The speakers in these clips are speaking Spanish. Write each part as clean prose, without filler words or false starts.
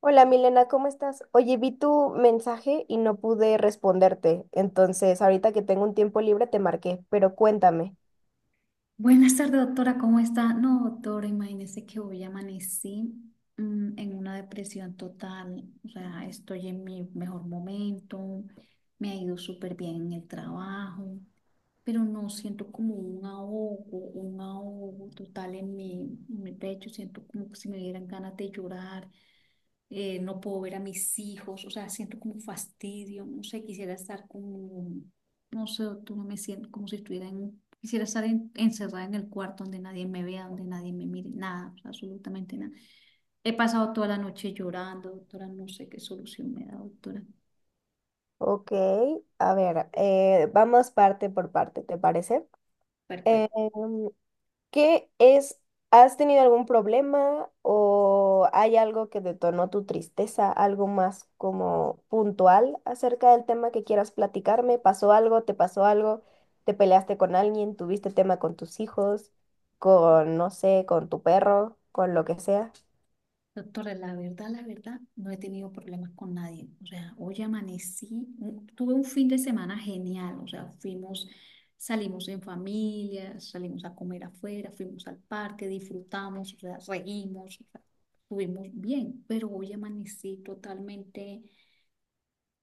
Hola Milena, ¿cómo estás? Oye, vi tu mensaje y no pude responderte, entonces ahorita que tengo un tiempo libre te marqué, pero cuéntame. Buenas tardes, doctora, ¿cómo está? No, doctora, imagínese que hoy amanecí en una depresión total. O sea, estoy en mi mejor momento, me ha ido súper bien en el trabajo, pero no siento como un ahogo total en en mi pecho, siento como que si me dieran ganas de llorar, no puedo ver a mis hijos, o sea, siento como fastidio, no sé, quisiera estar como, no sé, tú no me siento como si estuviera en, quisiera estar encerrada en el cuarto donde nadie me vea, donde nadie me mire, nada, o sea, absolutamente nada. He pasado toda la noche llorando, doctora, no sé qué solución me da, doctora. Ok, a ver, vamos parte por parte, ¿te parece? Eh, Perfecto. ¿Qué es? ¿Has tenido algún problema o hay algo que detonó tu tristeza? ¿Algo más como puntual acerca del tema que quieras platicarme? ¿Pasó algo? ¿Te pasó algo? ¿Te peleaste con alguien? ¿Tuviste tema con tus hijos? ¿Con, no sé, con tu perro? ¿Con lo que sea? Doctora, la verdad, no he tenido problemas con nadie. O sea, hoy tuve un fin de semana genial. O sea, fuimos, salimos en familia, salimos a comer afuera, fuimos al parque, disfrutamos, o sea, reímos, o sea, estuvimos bien. Pero hoy amanecí totalmente.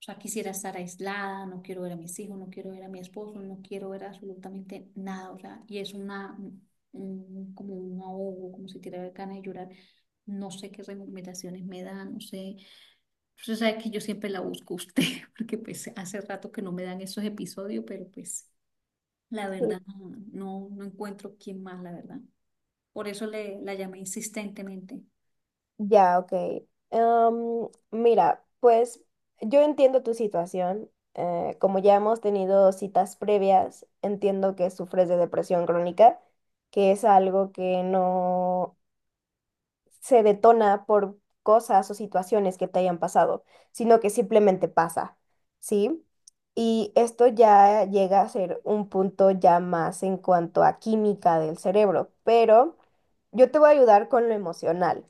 O sea, quisiera estar aislada, no quiero ver a mis hijos, no quiero ver a mi esposo, no quiero ver absolutamente nada. O sea, y es como un ahogo, como si tirara ganas de llorar. No sé qué recomendaciones me dan, no sé. Usted sabe que yo siempre la busco a usted, porque pues hace rato que no me dan esos episodios, pero pues la verdad no encuentro quién más, la verdad. Por eso la llamé insistentemente. Ya, ok. Mira, pues yo entiendo tu situación. Como ya hemos tenido citas previas, entiendo que sufres de depresión crónica, que es algo que no se detona por cosas o situaciones que te hayan pasado, sino que simplemente pasa, ¿sí? Y esto ya llega a ser un punto ya más en cuanto a química del cerebro, pero yo te voy a ayudar con lo emocional.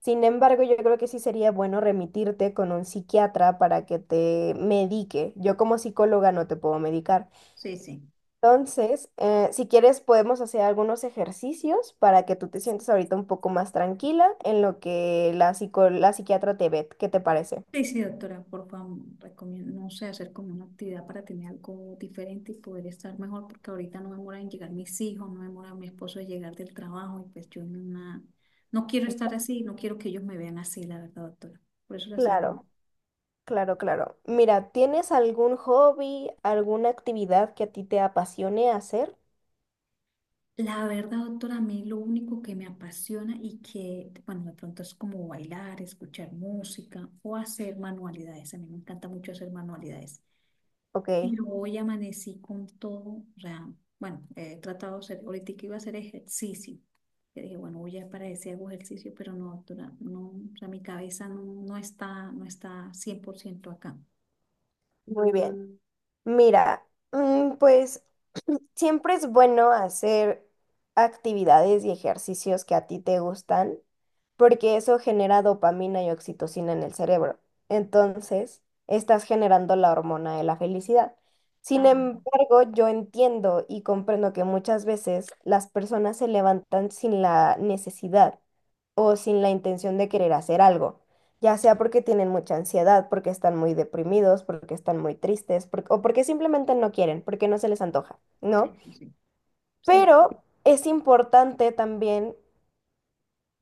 Sin embargo, yo creo que sí sería bueno remitirte con un psiquiatra para que te medique. Yo como psicóloga no te puedo medicar. Sí, sí. Entonces, si quieres, podemos hacer algunos ejercicios para que tú te sientas ahorita un poco más tranquila en lo que la la psiquiatra te ve. ¿Qué te parece? Sí, sí, doctora, por favor, recomiendo, no sé, hacer como una actividad para tener algo diferente y poder estar mejor, porque ahorita no demoran en llegar mis hijos, no demora mi esposo en llegar del trabajo, y pues yo en una- no quiero estar así, no quiero que ellos me vean así, la verdad, doctora. Por eso la saben. Claro, claro, claro. Mira, ¿tienes algún hobby, alguna actividad que a ti te apasione hacer? La verdad, doctora, a mí lo único que me apasiona y que, bueno, de pronto es como bailar, escuchar música o hacer manualidades. A mí me encanta mucho hacer manualidades. Ok, Pero hoy amanecí con todo, o sea, bueno, he tratado de hacer, ahorita que iba a hacer ejercicio, que dije, bueno, voy a para ese hago ejercicio, pero no, doctora, no, o sea, mi cabeza no está, no está 100% acá. muy bien. Mira, pues siempre es bueno hacer actividades y ejercicios que a ti te gustan, porque eso genera dopamina y oxitocina en el cerebro. Entonces, estás generando la hormona de la felicidad. Sin Ah, embargo, yo entiendo y comprendo que muchas veces las personas se levantan sin la necesidad o sin la intención de querer hacer algo, ya sea porque tienen mucha ansiedad, porque están muy deprimidos, porque están muy tristes, o porque simplemente no quieren, porque no se les antoja, ¿no? sí, sí, sí. Sí. Pero es importante también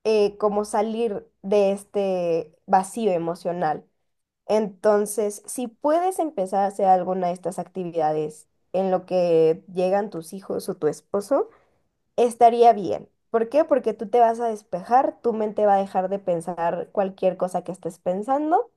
como salir de este vacío emocional. Entonces, si puedes empezar a hacer alguna de estas actividades en lo que llegan tus hijos o tu esposo, estaría bien. ¿Por qué? Porque tú te vas a despejar, tu mente va a dejar de pensar cualquier cosa que estés pensando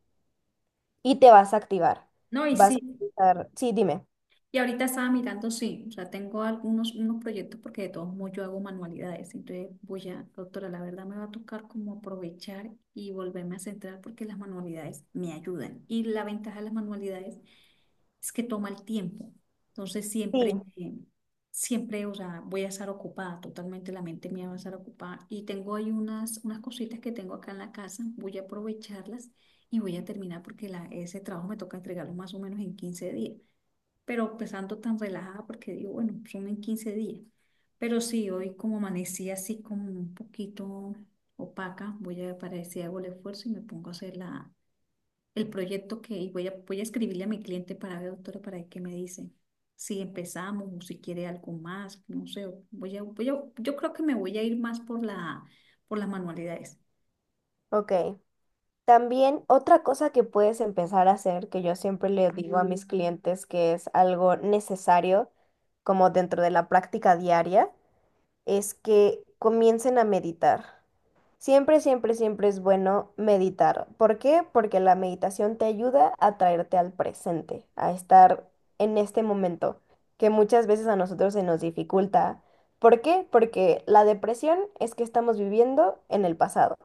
y te vas a activar. No, y Vas a sí, pensar, sí, dime. y ahorita estaba mirando, sí, o sea, tengo algunos unos proyectos porque de todos modos yo hago manualidades, entonces voy a, doctora, la verdad me va a tocar como aprovechar y volverme a centrar porque las manualidades me ayudan. Y la ventaja de las manualidades es que toma el tiempo. Entonces siempre, Sí, siempre, o sea, voy a estar ocupada, totalmente la mente mía va a estar ocupada. Y tengo ahí unas cositas que tengo acá en la casa, voy a aprovecharlas y voy a terminar porque la, ese trabajo me toca entregarlo más o menos en 15 días. Pero empezando tan relajada porque digo, bueno, son en 15 días. Pero sí, hoy como amanecí así como un poquito opaca, voy a ver para ver si hago el esfuerzo y me pongo a hacer la el proyecto que y voy a, voy a- escribirle a mi cliente para ver, doctora, para ver qué me dice. Si empezamos o si quiere algo más, no sé, voy a, voy a- yo creo que me voy a ir más por por las manualidades. ok. También otra cosa que puedes empezar a hacer, que yo siempre le digo a mis clientes que es algo necesario, como dentro de la práctica diaria, es que comiencen a meditar. Siempre, siempre, siempre es bueno meditar. ¿Por qué? Porque la meditación te ayuda a traerte al presente, a estar en este momento, que muchas veces a nosotros se nos dificulta. ¿Por qué? Porque la depresión es que estamos viviendo en el pasado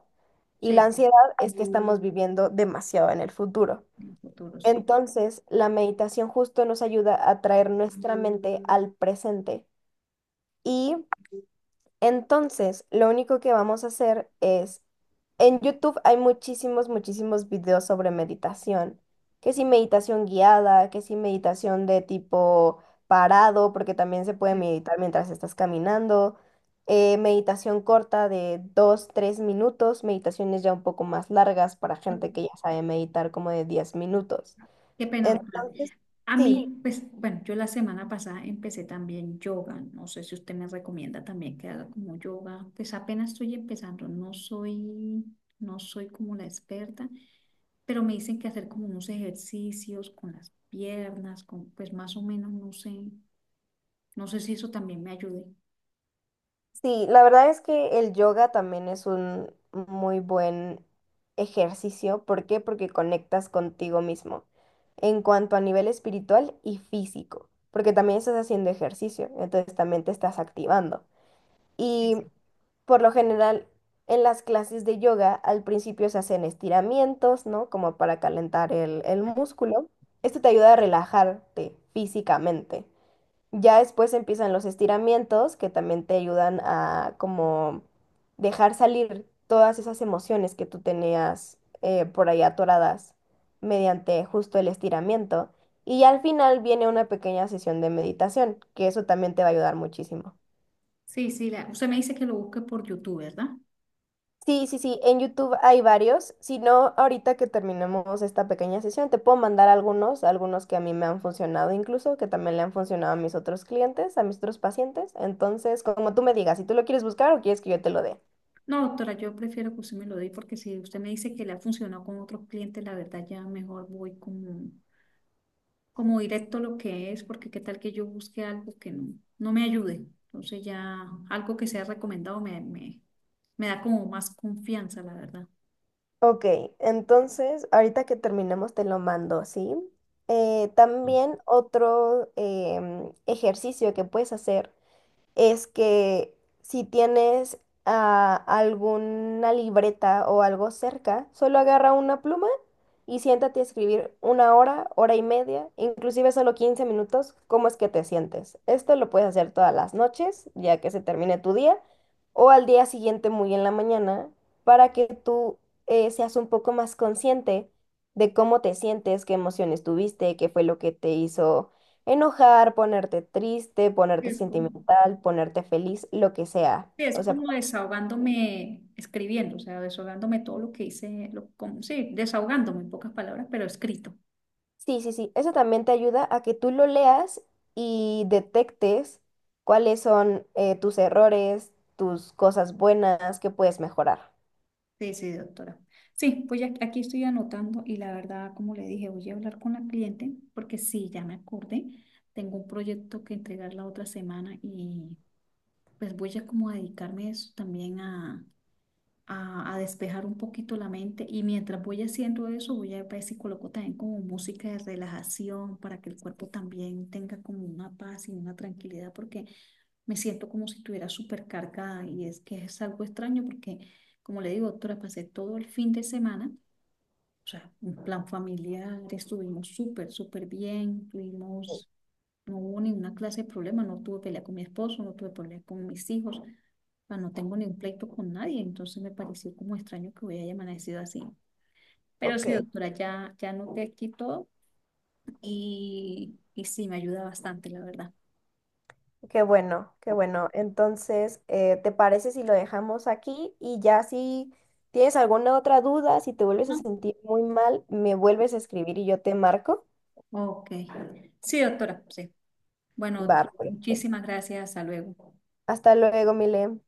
y la Sí, ansiedad es que estamos viviendo demasiado en el futuro. en el futuro, sí. Entonces, la meditación justo nos ayuda a traer nuestra mente al presente. Y entonces, lo único que vamos a hacer es, en YouTube hay muchísimos, muchísimos videos sobre meditación, que si meditación guiada, que si meditación de tipo parado, porque también se puede meditar mientras estás caminando, meditación corta de 2, 3 minutos, meditaciones ya un poco más largas para Sí. gente que ya sabe meditar como de 10 minutos. Qué pena, doctora. Entonces, A sí. mí, pues, bueno, yo la semana pasada empecé también yoga. No sé si usted me recomienda también que haga como yoga. Pues apenas estoy empezando, no soy como la experta, pero me dicen que hacer como unos ejercicios con las piernas, con, pues más o menos, no sé, no sé si eso también me ayude. Sí, la verdad es que el yoga también es un muy buen ejercicio. ¿Por qué? Porque conectas contigo mismo en cuanto a nivel espiritual y físico, porque también estás haciendo ejercicio, entonces también te estás activando. Sí, Y sí. por lo general, en las clases de yoga al principio se hacen estiramientos, ¿no? Como para calentar el músculo. Esto te ayuda a relajarte físicamente. Ya después empiezan los estiramientos que también te ayudan a como dejar salir todas esas emociones que tú tenías por ahí atoradas mediante justo el estiramiento. Y al final viene una pequeña sesión de meditación, que eso también te va a ayudar muchísimo. Sí, sí, la- usted me dice que lo busque por YouTube, ¿verdad? Sí, sí, sí, en YouTube hay varios. Si no, ahorita que terminemos esta pequeña sesión, te puedo mandar algunos, algunos que a mí me han funcionado incluso, que también le han funcionado a mis otros clientes, a mis otros pacientes. Entonces, como tú me digas, si tú lo quieres buscar o quieres que yo te lo dé. No, doctora, yo prefiero que usted me lo dé porque si usted me dice que le ha funcionado con otros clientes, la verdad ya mejor voy como directo lo que es, porque qué tal que yo busque algo que no me ayude. Entonces ya algo que sea recomendado me da como más confianza, la verdad. Ok, entonces, ahorita que terminemos te lo mando, ¿sí? También otro ejercicio que puedes hacer es que si tienes alguna libreta o algo cerca, solo agarra una pluma y siéntate a escribir una hora, hora y media, inclusive solo 15 minutos, cómo es que te sientes. Esto lo puedes hacer todas las noches, ya que se termine tu día, o al día siguiente muy en la mañana, para que tú seas un poco más consciente de cómo te sientes, qué emociones tuviste, qué fue lo que te hizo enojar, ponerte triste, ponerte Es como, sentimental, ponerte feliz, lo que sea. sí, es O sea, como desahogándome escribiendo, o sea, desahogándome todo lo que hice, lo, como, sí, desahogándome en pocas palabras, pero escrito. sí, sí, sí. Eso también te ayuda a que tú lo leas y detectes cuáles son tus errores, tus cosas buenas que puedes mejorar. Sí, sí, doctora. Sí, pues ya aquí estoy anotando y la verdad, como le dije, voy a hablar con la cliente porque sí, ya me acordé. Tengo un proyecto que entregar la otra semana y pues voy a como a dedicarme a eso también a despejar un poquito la mente y mientras voy haciendo eso voy a ver si coloco también como música de relajación para que el cuerpo también tenga como una paz y una tranquilidad porque me siento como si estuviera súper cargada y es que es algo extraño porque como le digo, doctora, pasé todo el fin de semana o sea, un plan familiar, estuvimos súper, súper bien, tuvimos, no hubo ninguna clase de problema, no tuve pelea con mi esposo, no tuve pelea con mis hijos, o sea, no tengo ningún pleito con nadie, entonces me pareció como extraño que hubiera amanecido así. Pero Ok, sí, doctora, ya noté aquí todo y sí, me ayuda bastante, la verdad. qué bueno, qué bueno. Entonces, ¿te parece si lo dejamos aquí? Y ya si tienes alguna otra duda, si te vuelves a ¿No? sentir muy mal, me vuelves a escribir y yo te marco. Ok. Sí, doctora, sí. Bueno, doctora, Va, perfecto. muchísimas gracias, hasta luego. Hasta luego, Mile.